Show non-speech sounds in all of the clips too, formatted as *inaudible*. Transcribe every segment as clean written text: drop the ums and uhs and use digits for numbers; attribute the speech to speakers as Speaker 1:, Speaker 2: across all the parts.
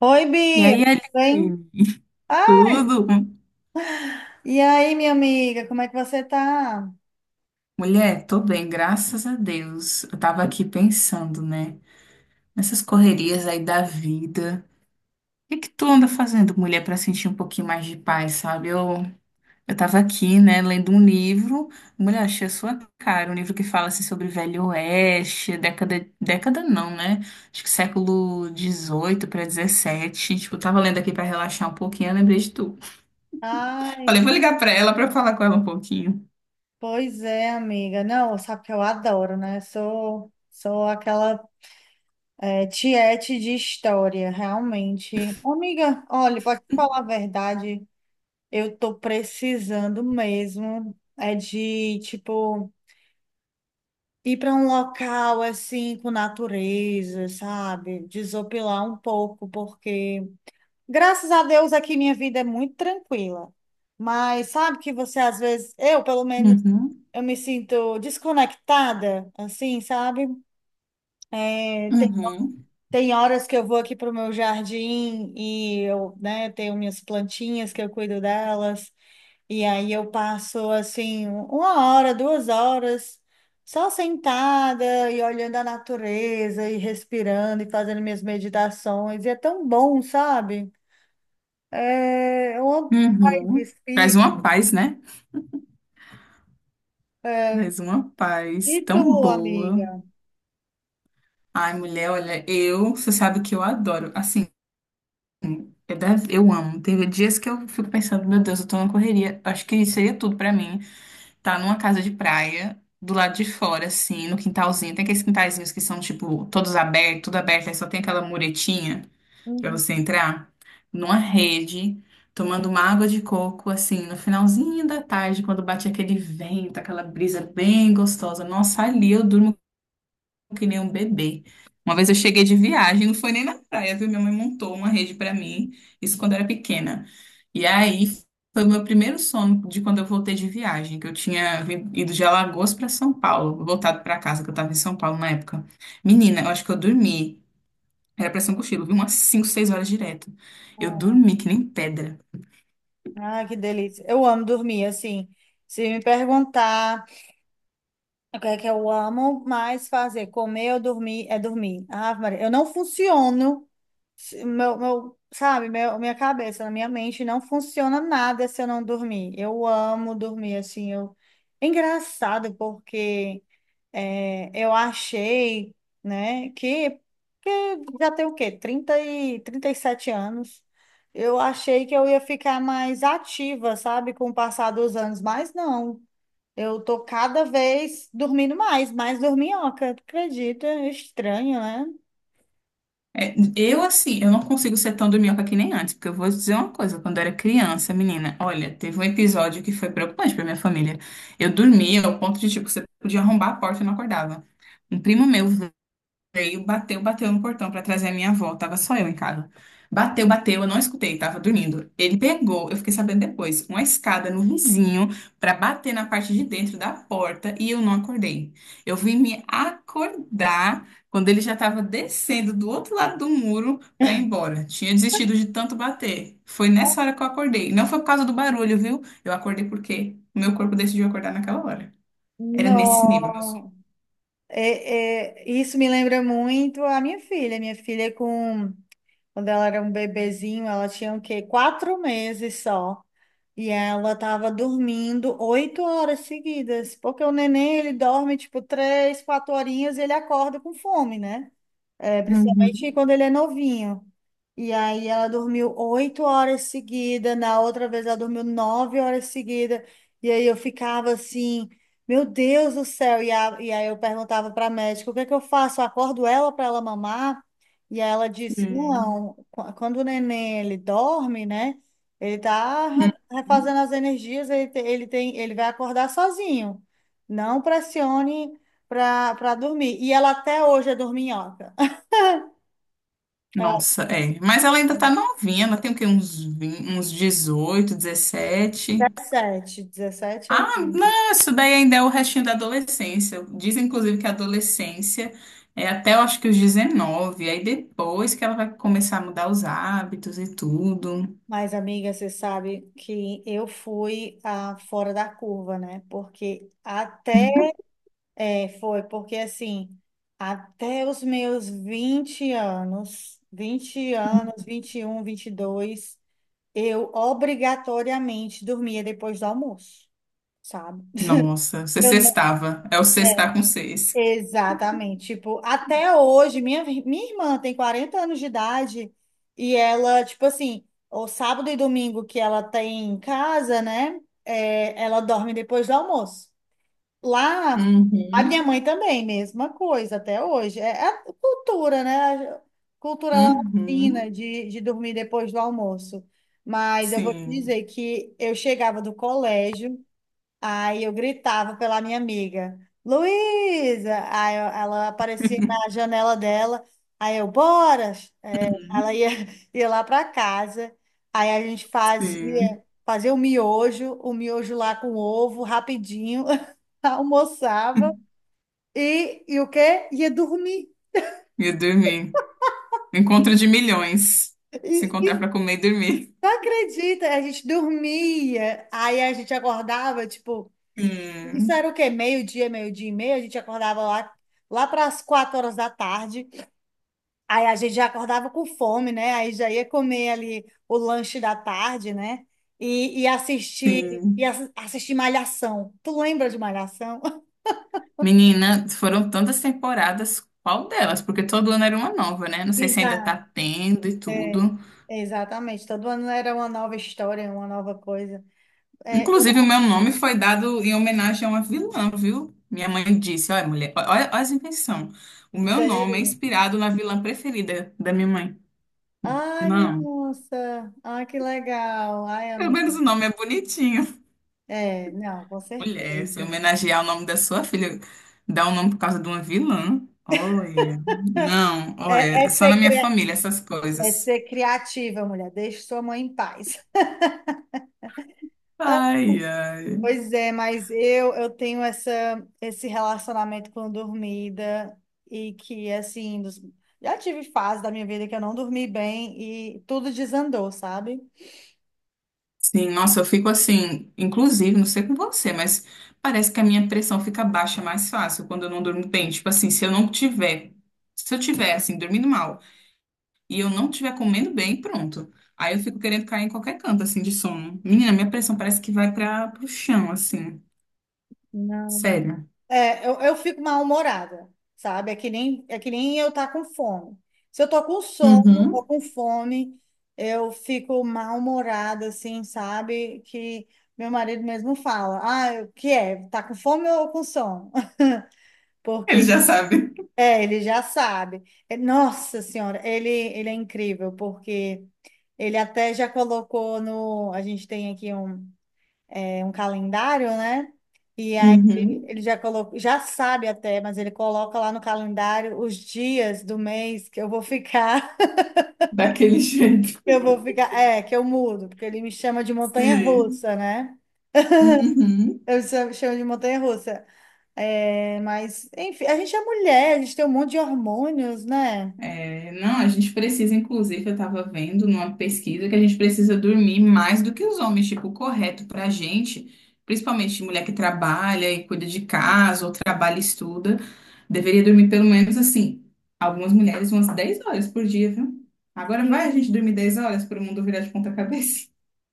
Speaker 1: Oi,
Speaker 2: E
Speaker 1: Bia,
Speaker 2: aí,
Speaker 1: tudo bem?
Speaker 2: Aline? *laughs*
Speaker 1: Ah,
Speaker 2: Tudo?
Speaker 1: e aí, minha amiga, como é que você tá?
Speaker 2: Mulher, tô bem, graças a Deus. Eu tava aqui pensando, né? Nessas correrias aí da vida. O que que tu anda fazendo, mulher, pra sentir um pouquinho mais de paz, sabe? Eu tava aqui, né, lendo um livro. Mulher, achei a sua cara. Um livro que fala, assim, sobre Velho Oeste, década... Década não, né? Acho que século dezoito para dezessete. Tipo, eu tava lendo aqui pra relaxar um pouquinho, eu lembrei de tu.
Speaker 1: Ai,
Speaker 2: Falei, vou ligar pra ela pra eu falar com ela um pouquinho.
Speaker 1: pois é, amiga. Não, sabe que eu adoro, né? Sou aquela tiete de história, realmente. Ô, amiga, olha, pode falar a verdade, eu tô precisando mesmo é de, tipo, ir para um local assim com natureza, sabe? Desopilar um pouco, porque graças a Deus aqui minha vida é muito tranquila. Mas sabe que você às vezes, eu pelo menos,
Speaker 2: Uhum.
Speaker 1: eu me sinto desconectada, assim, sabe? É, tem,
Speaker 2: Uhum,
Speaker 1: tem horas que eu vou aqui para o meu jardim e eu, né, tenho minhas plantinhas que eu cuido delas. E aí eu passo, assim, uma hora, duas horas só sentada e olhando a natureza e respirando e fazendo minhas meditações. E é tão bom, sabe? É, onde vai
Speaker 2: uhum. Traz
Speaker 1: vestir?
Speaker 2: uma paz, né?
Speaker 1: É,
Speaker 2: Traz uma paz
Speaker 1: e
Speaker 2: tão
Speaker 1: tu,
Speaker 2: boa.
Speaker 1: amiga?
Speaker 2: Ai, mulher, olha, eu, você sabe que eu adoro. Assim, eu amo. Teve dias que eu fico pensando, meu Deus, eu tô numa correria. Acho que seria tudo pra mim. Tá numa casa de praia, do lado de fora, assim, no quintalzinho. Tem aqueles quintalzinhos que são, tipo, todos abertos, tudo aberto, aí só tem aquela muretinha para você
Speaker 1: Uhum.
Speaker 2: entrar numa rede, tomando uma água de coco, assim, no finalzinho da tarde, quando bate aquele vento, aquela brisa bem gostosa. Nossa, ali eu durmo que nem um bebê. Uma vez eu cheguei de viagem, não foi nem na praia, viu? Minha mãe montou uma rede para mim, isso quando eu era pequena. E aí foi o meu primeiro sono de quando eu voltei de viagem, que eu tinha ido de Alagoas para São Paulo, voltado para casa, que eu estava em São Paulo na época. Menina, eu acho que eu dormi. Era pressão ser um cochilo, viu? Umas 5 6 horas direto. Eu dormi que nem pedra.
Speaker 1: Ah, que delícia. Eu amo dormir, assim. Se me perguntar o que é que eu amo mais fazer, comer ou dormir, é dormir. Ah, Maria, eu não funciono, minha cabeça, na minha mente, não funciona nada se eu não dormir. Eu amo dormir, assim. Eu... É engraçado, porque. Eu achei, né, que já tem o quê? Trinta e sete anos. Eu achei que eu ia ficar mais ativa, sabe, com o passar dos anos, mas não. Eu tô cada vez dormindo mais, mais dorminhoca, tu acredita? É estranho, né?
Speaker 2: É, eu, assim, eu não consigo ser tão dorminhoca que nem antes, porque eu vou dizer uma coisa. Quando eu era criança, menina, olha, teve um episódio que foi preocupante pra minha família. Eu dormia ao ponto de, tipo, você podia arrombar a porta e não acordava. Um primo meu veio, bateu, bateu no portão pra trazer a minha avó. Tava só eu em casa. Bateu, bateu, eu não escutei, tava dormindo. Ele pegou, eu fiquei sabendo depois, uma escada no vizinho pra bater na parte de dentro da porta e eu não acordei. Eu vim me acordar quando ele já tava descendo do outro lado do muro pra ir embora. Tinha desistido de tanto bater. Foi nessa hora que eu acordei. Não foi por causa do barulho, viu? Eu acordei porque o meu corpo decidiu acordar naquela hora. Era nesse nível, meu sono.
Speaker 1: Não. Isso me lembra muito a minha filha. Quando ela era um bebezinho, ela tinha o quê? Quatro meses só. E ela tava dormindo oito horas seguidas, porque o neném ele dorme tipo três, quatro horinhas e ele acorda com fome, né? É,
Speaker 2: Uhum.
Speaker 1: principalmente quando ele é novinho. E aí ela dormiu oito horas seguidas, na outra vez ela dormiu nove horas seguidas. E aí eu ficava assim, meu Deus do céu. E aí eu perguntava para a médica, o que é que eu faço? Eu acordo ela para ela mamar? E aí ela disse,
Speaker 2: Sim.
Speaker 1: não, quando o neném ele dorme, né? Ele tá
Speaker 2: Uhum.
Speaker 1: refazendo as energias, ele, te- ele tem, ele vai acordar sozinho. Não pressione para dormir. E ela até hoje é dorminhoca. Ela
Speaker 2: Nossa, é. Mas ela ainda tá novinha, ela tem o quê? Uns, 20, uns 18,
Speaker 1: era
Speaker 2: 17.
Speaker 1: 17, 17
Speaker 2: Ah,
Speaker 1: aninhos.
Speaker 2: não, isso daí ainda é o restinho da adolescência. Diz inclusive, que a adolescência é até, eu acho que os 19. Aí depois que ela vai começar a mudar os hábitos e tudo.
Speaker 1: Mas, amiga, você sabe que eu fui a fora da curva, né? Porque até é, foi, porque assim, até os meus 20 anos, um 21, dois eu obrigatoriamente dormia depois do almoço, sabe?
Speaker 2: Nossa, você
Speaker 1: Eu não.
Speaker 2: sextava. É o sextar com seis.
Speaker 1: Exatamente. Tipo, até hoje, minha irmã tem 40 anos de idade e ela, tipo assim, o sábado e domingo que ela tem em casa, né? Ela dorme depois do almoço. Lá, a minha
Speaker 2: Uhum,
Speaker 1: mãe também, mesma coisa, até hoje. É a cultura, né? A cultura
Speaker 2: uhum,
Speaker 1: latina de dormir depois do almoço. Mas eu vou te
Speaker 2: sim,
Speaker 1: dizer que eu chegava do colégio. Aí eu gritava pela minha amiga, Luísa! Ela aparecia na janela dela, aí eu, bora! É, ela
Speaker 2: uhum,
Speaker 1: ia, *laughs* ia lá para casa, aí a gente
Speaker 2: sim.
Speaker 1: fazia, fazia o miojo lá com ovo, rapidinho, *laughs* almoçava,
Speaker 2: *laughs*
Speaker 1: e o quê? Ia dormir.
Speaker 2: E dormir. Encontro de milhões. Se encontrar
Speaker 1: E
Speaker 2: para comer e dormir.
Speaker 1: não acredita, a gente dormia, aí a gente acordava, tipo, isso
Speaker 2: Sim,
Speaker 1: era o quê? Meio-dia, meio-dia e meia, a gente acordava lá para as quatro horas da tarde. Aí a gente já acordava com fome, né? Aí já ia comer ali o lanche da tarde, né? E assistir, e
Speaker 2: sim.
Speaker 1: assistir Malhação. Tu lembra de Malhação? *laughs*
Speaker 2: Menina, foram tantas temporadas, qual delas? Porque todo ano era uma nova, né? Não sei se ainda tá
Speaker 1: Exato.
Speaker 2: tendo e
Speaker 1: É,
Speaker 2: tudo.
Speaker 1: exatamente. Todo ano era uma nova história, uma nova coisa. É, é
Speaker 2: Inclusive, o meu nome foi dado em homenagem a uma vilã, viu? Minha mãe disse: Olha, mulher, olha, olha as invenções. O meu nome é
Speaker 1: sério.
Speaker 2: inspirado na vilã preferida da minha mãe.
Speaker 1: Ai, minha
Speaker 2: Não,
Speaker 1: nossa. Ai, que legal. Ai,
Speaker 2: pelo menos
Speaker 1: amiga.
Speaker 2: o nome é bonitinho.
Speaker 1: É, não, com
Speaker 2: Mulher, se
Speaker 1: certeza.
Speaker 2: homenagear o nome da sua filha, dar um nome por causa de uma vilã. Olha, não,
Speaker 1: É,
Speaker 2: olha, só na minha
Speaker 1: é
Speaker 2: família essas
Speaker 1: É ser
Speaker 2: coisas.
Speaker 1: criativa, mulher. Deixe sua mãe em paz.
Speaker 2: Ai, ai.
Speaker 1: Pois é, mas eu tenho essa esse relacionamento com dormida e, já tive fase da minha vida que eu não dormi bem e tudo desandou, sabe?
Speaker 2: Sim, nossa, eu fico assim, inclusive, não sei com você, mas parece que a minha pressão fica baixa mais fácil quando eu não durmo bem. Tipo assim, se eu tiver assim, dormindo mal e eu não tiver comendo bem, pronto. Aí eu fico querendo cair em qualquer canto assim de sono. Menina, minha pressão parece que vai para pro chão assim. Sério.
Speaker 1: Eu fico mal-humorada, sabe? É que nem eu tá com fome. Se eu tô com sono ou
Speaker 2: Uhum.
Speaker 1: com fome, eu fico mal-humorada, assim, sabe? Que meu marido mesmo fala, ah, o que é? Tá com fome ou com sono? *laughs*
Speaker 2: Ele
Speaker 1: Porque,
Speaker 2: já sabe.
Speaker 1: ele já sabe. É, Nossa Senhora, ele é incrível, porque ele até já colocou no... A gente tem aqui é um calendário, né? E aí
Speaker 2: Uhum.
Speaker 1: ele já colocou, já sabe até, mas ele coloca lá no calendário os dias do mês que eu vou ficar,
Speaker 2: Daquele *laughs* jeito.
Speaker 1: *laughs* que eu vou que eu mudo, porque ele me chama de
Speaker 2: Sim.
Speaker 1: montanha-russa, né?
Speaker 2: Uhum.
Speaker 1: Eu chamo de montanha-russa. É, mas, enfim, a gente é mulher, a gente tem um monte de hormônios, né?
Speaker 2: É, não, a gente precisa, inclusive, eu estava vendo numa pesquisa que a gente precisa dormir mais do que os homens, tipo, o correto para a gente, principalmente mulher que trabalha e cuida de casa, ou trabalha e estuda, deveria dormir pelo menos assim, algumas mulheres umas 10 horas por dia, viu? Agora vai a
Speaker 1: Sim.
Speaker 2: gente dormir 10 horas para o mundo virar de ponta cabeça.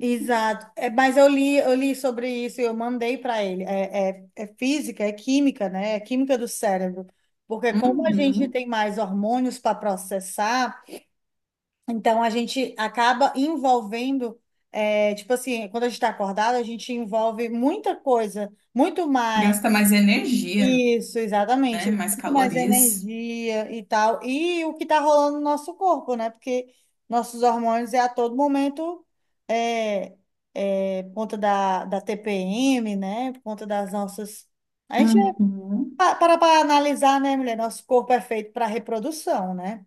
Speaker 1: Exato. É, mas eu li sobre isso e eu mandei para ele. É física, é química, né? É química do cérebro. Porque
Speaker 2: *laughs*
Speaker 1: como a gente
Speaker 2: Uhum.
Speaker 1: tem mais hormônios para processar, então a gente acaba envolvendo, é, tipo assim, quando a gente está acordado, a gente envolve muita coisa, muito mais.
Speaker 2: Gasta mais energia,
Speaker 1: Isso,
Speaker 2: né?
Speaker 1: exatamente.
Speaker 2: Mais
Speaker 1: Muito mais
Speaker 2: calorias.
Speaker 1: energia e tal. E o que está rolando no nosso corpo, né? Porque nossos hormônios é a todo momento, é, por conta da TPM, né? Por conta das nossas. A gente
Speaker 2: Uhum.
Speaker 1: para analisar, né, mulher? Nosso corpo é feito para reprodução, né?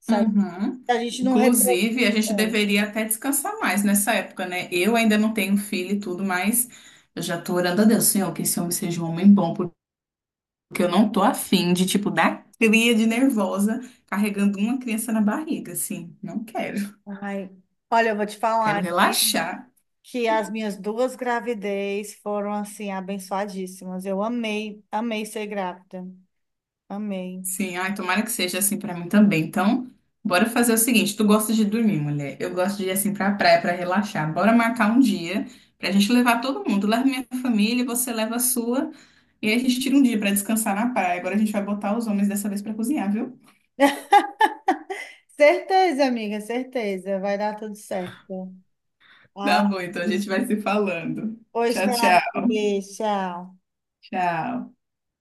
Speaker 1: Se
Speaker 2: Uhum.
Speaker 1: a gente não reproduz.
Speaker 2: Inclusive, a gente deveria até descansar mais nessa época, né? Eu ainda não tenho filho e tudo, mas eu já tô orando a Deus, Senhor, que esse homem seja um homem bom, porque eu não tô afim de, tipo, dar cria de nervosa carregando uma criança na barriga, assim. Não quero.
Speaker 1: Ai, olha, eu vou te
Speaker 2: Quero
Speaker 1: falar aqui
Speaker 2: relaxar.
Speaker 1: que as minhas duas gravidez foram, assim, abençoadíssimas. Eu amei, amei ser grávida. Amém.
Speaker 2: Sim, ai, tomara que seja assim pra mim também. Então, bora fazer o seguinte: tu gosta de dormir, mulher? Eu gosto de ir assim pra praia pra relaxar. Bora marcar um dia pra gente levar todo mundo. Leva minha família, você leva a sua. E aí a gente tira um dia pra descansar na praia. Agora a gente vai botar os homens dessa vez pra cozinhar, viu?
Speaker 1: Certeza, amiga, certeza. Vai dar tudo certo. Ah,
Speaker 2: Tá bom, então a gente vai se falando.
Speaker 1: pois tá,
Speaker 2: Tchau,
Speaker 1: amiga.
Speaker 2: tchau.
Speaker 1: Beijo, tchau.
Speaker 2: Tchau.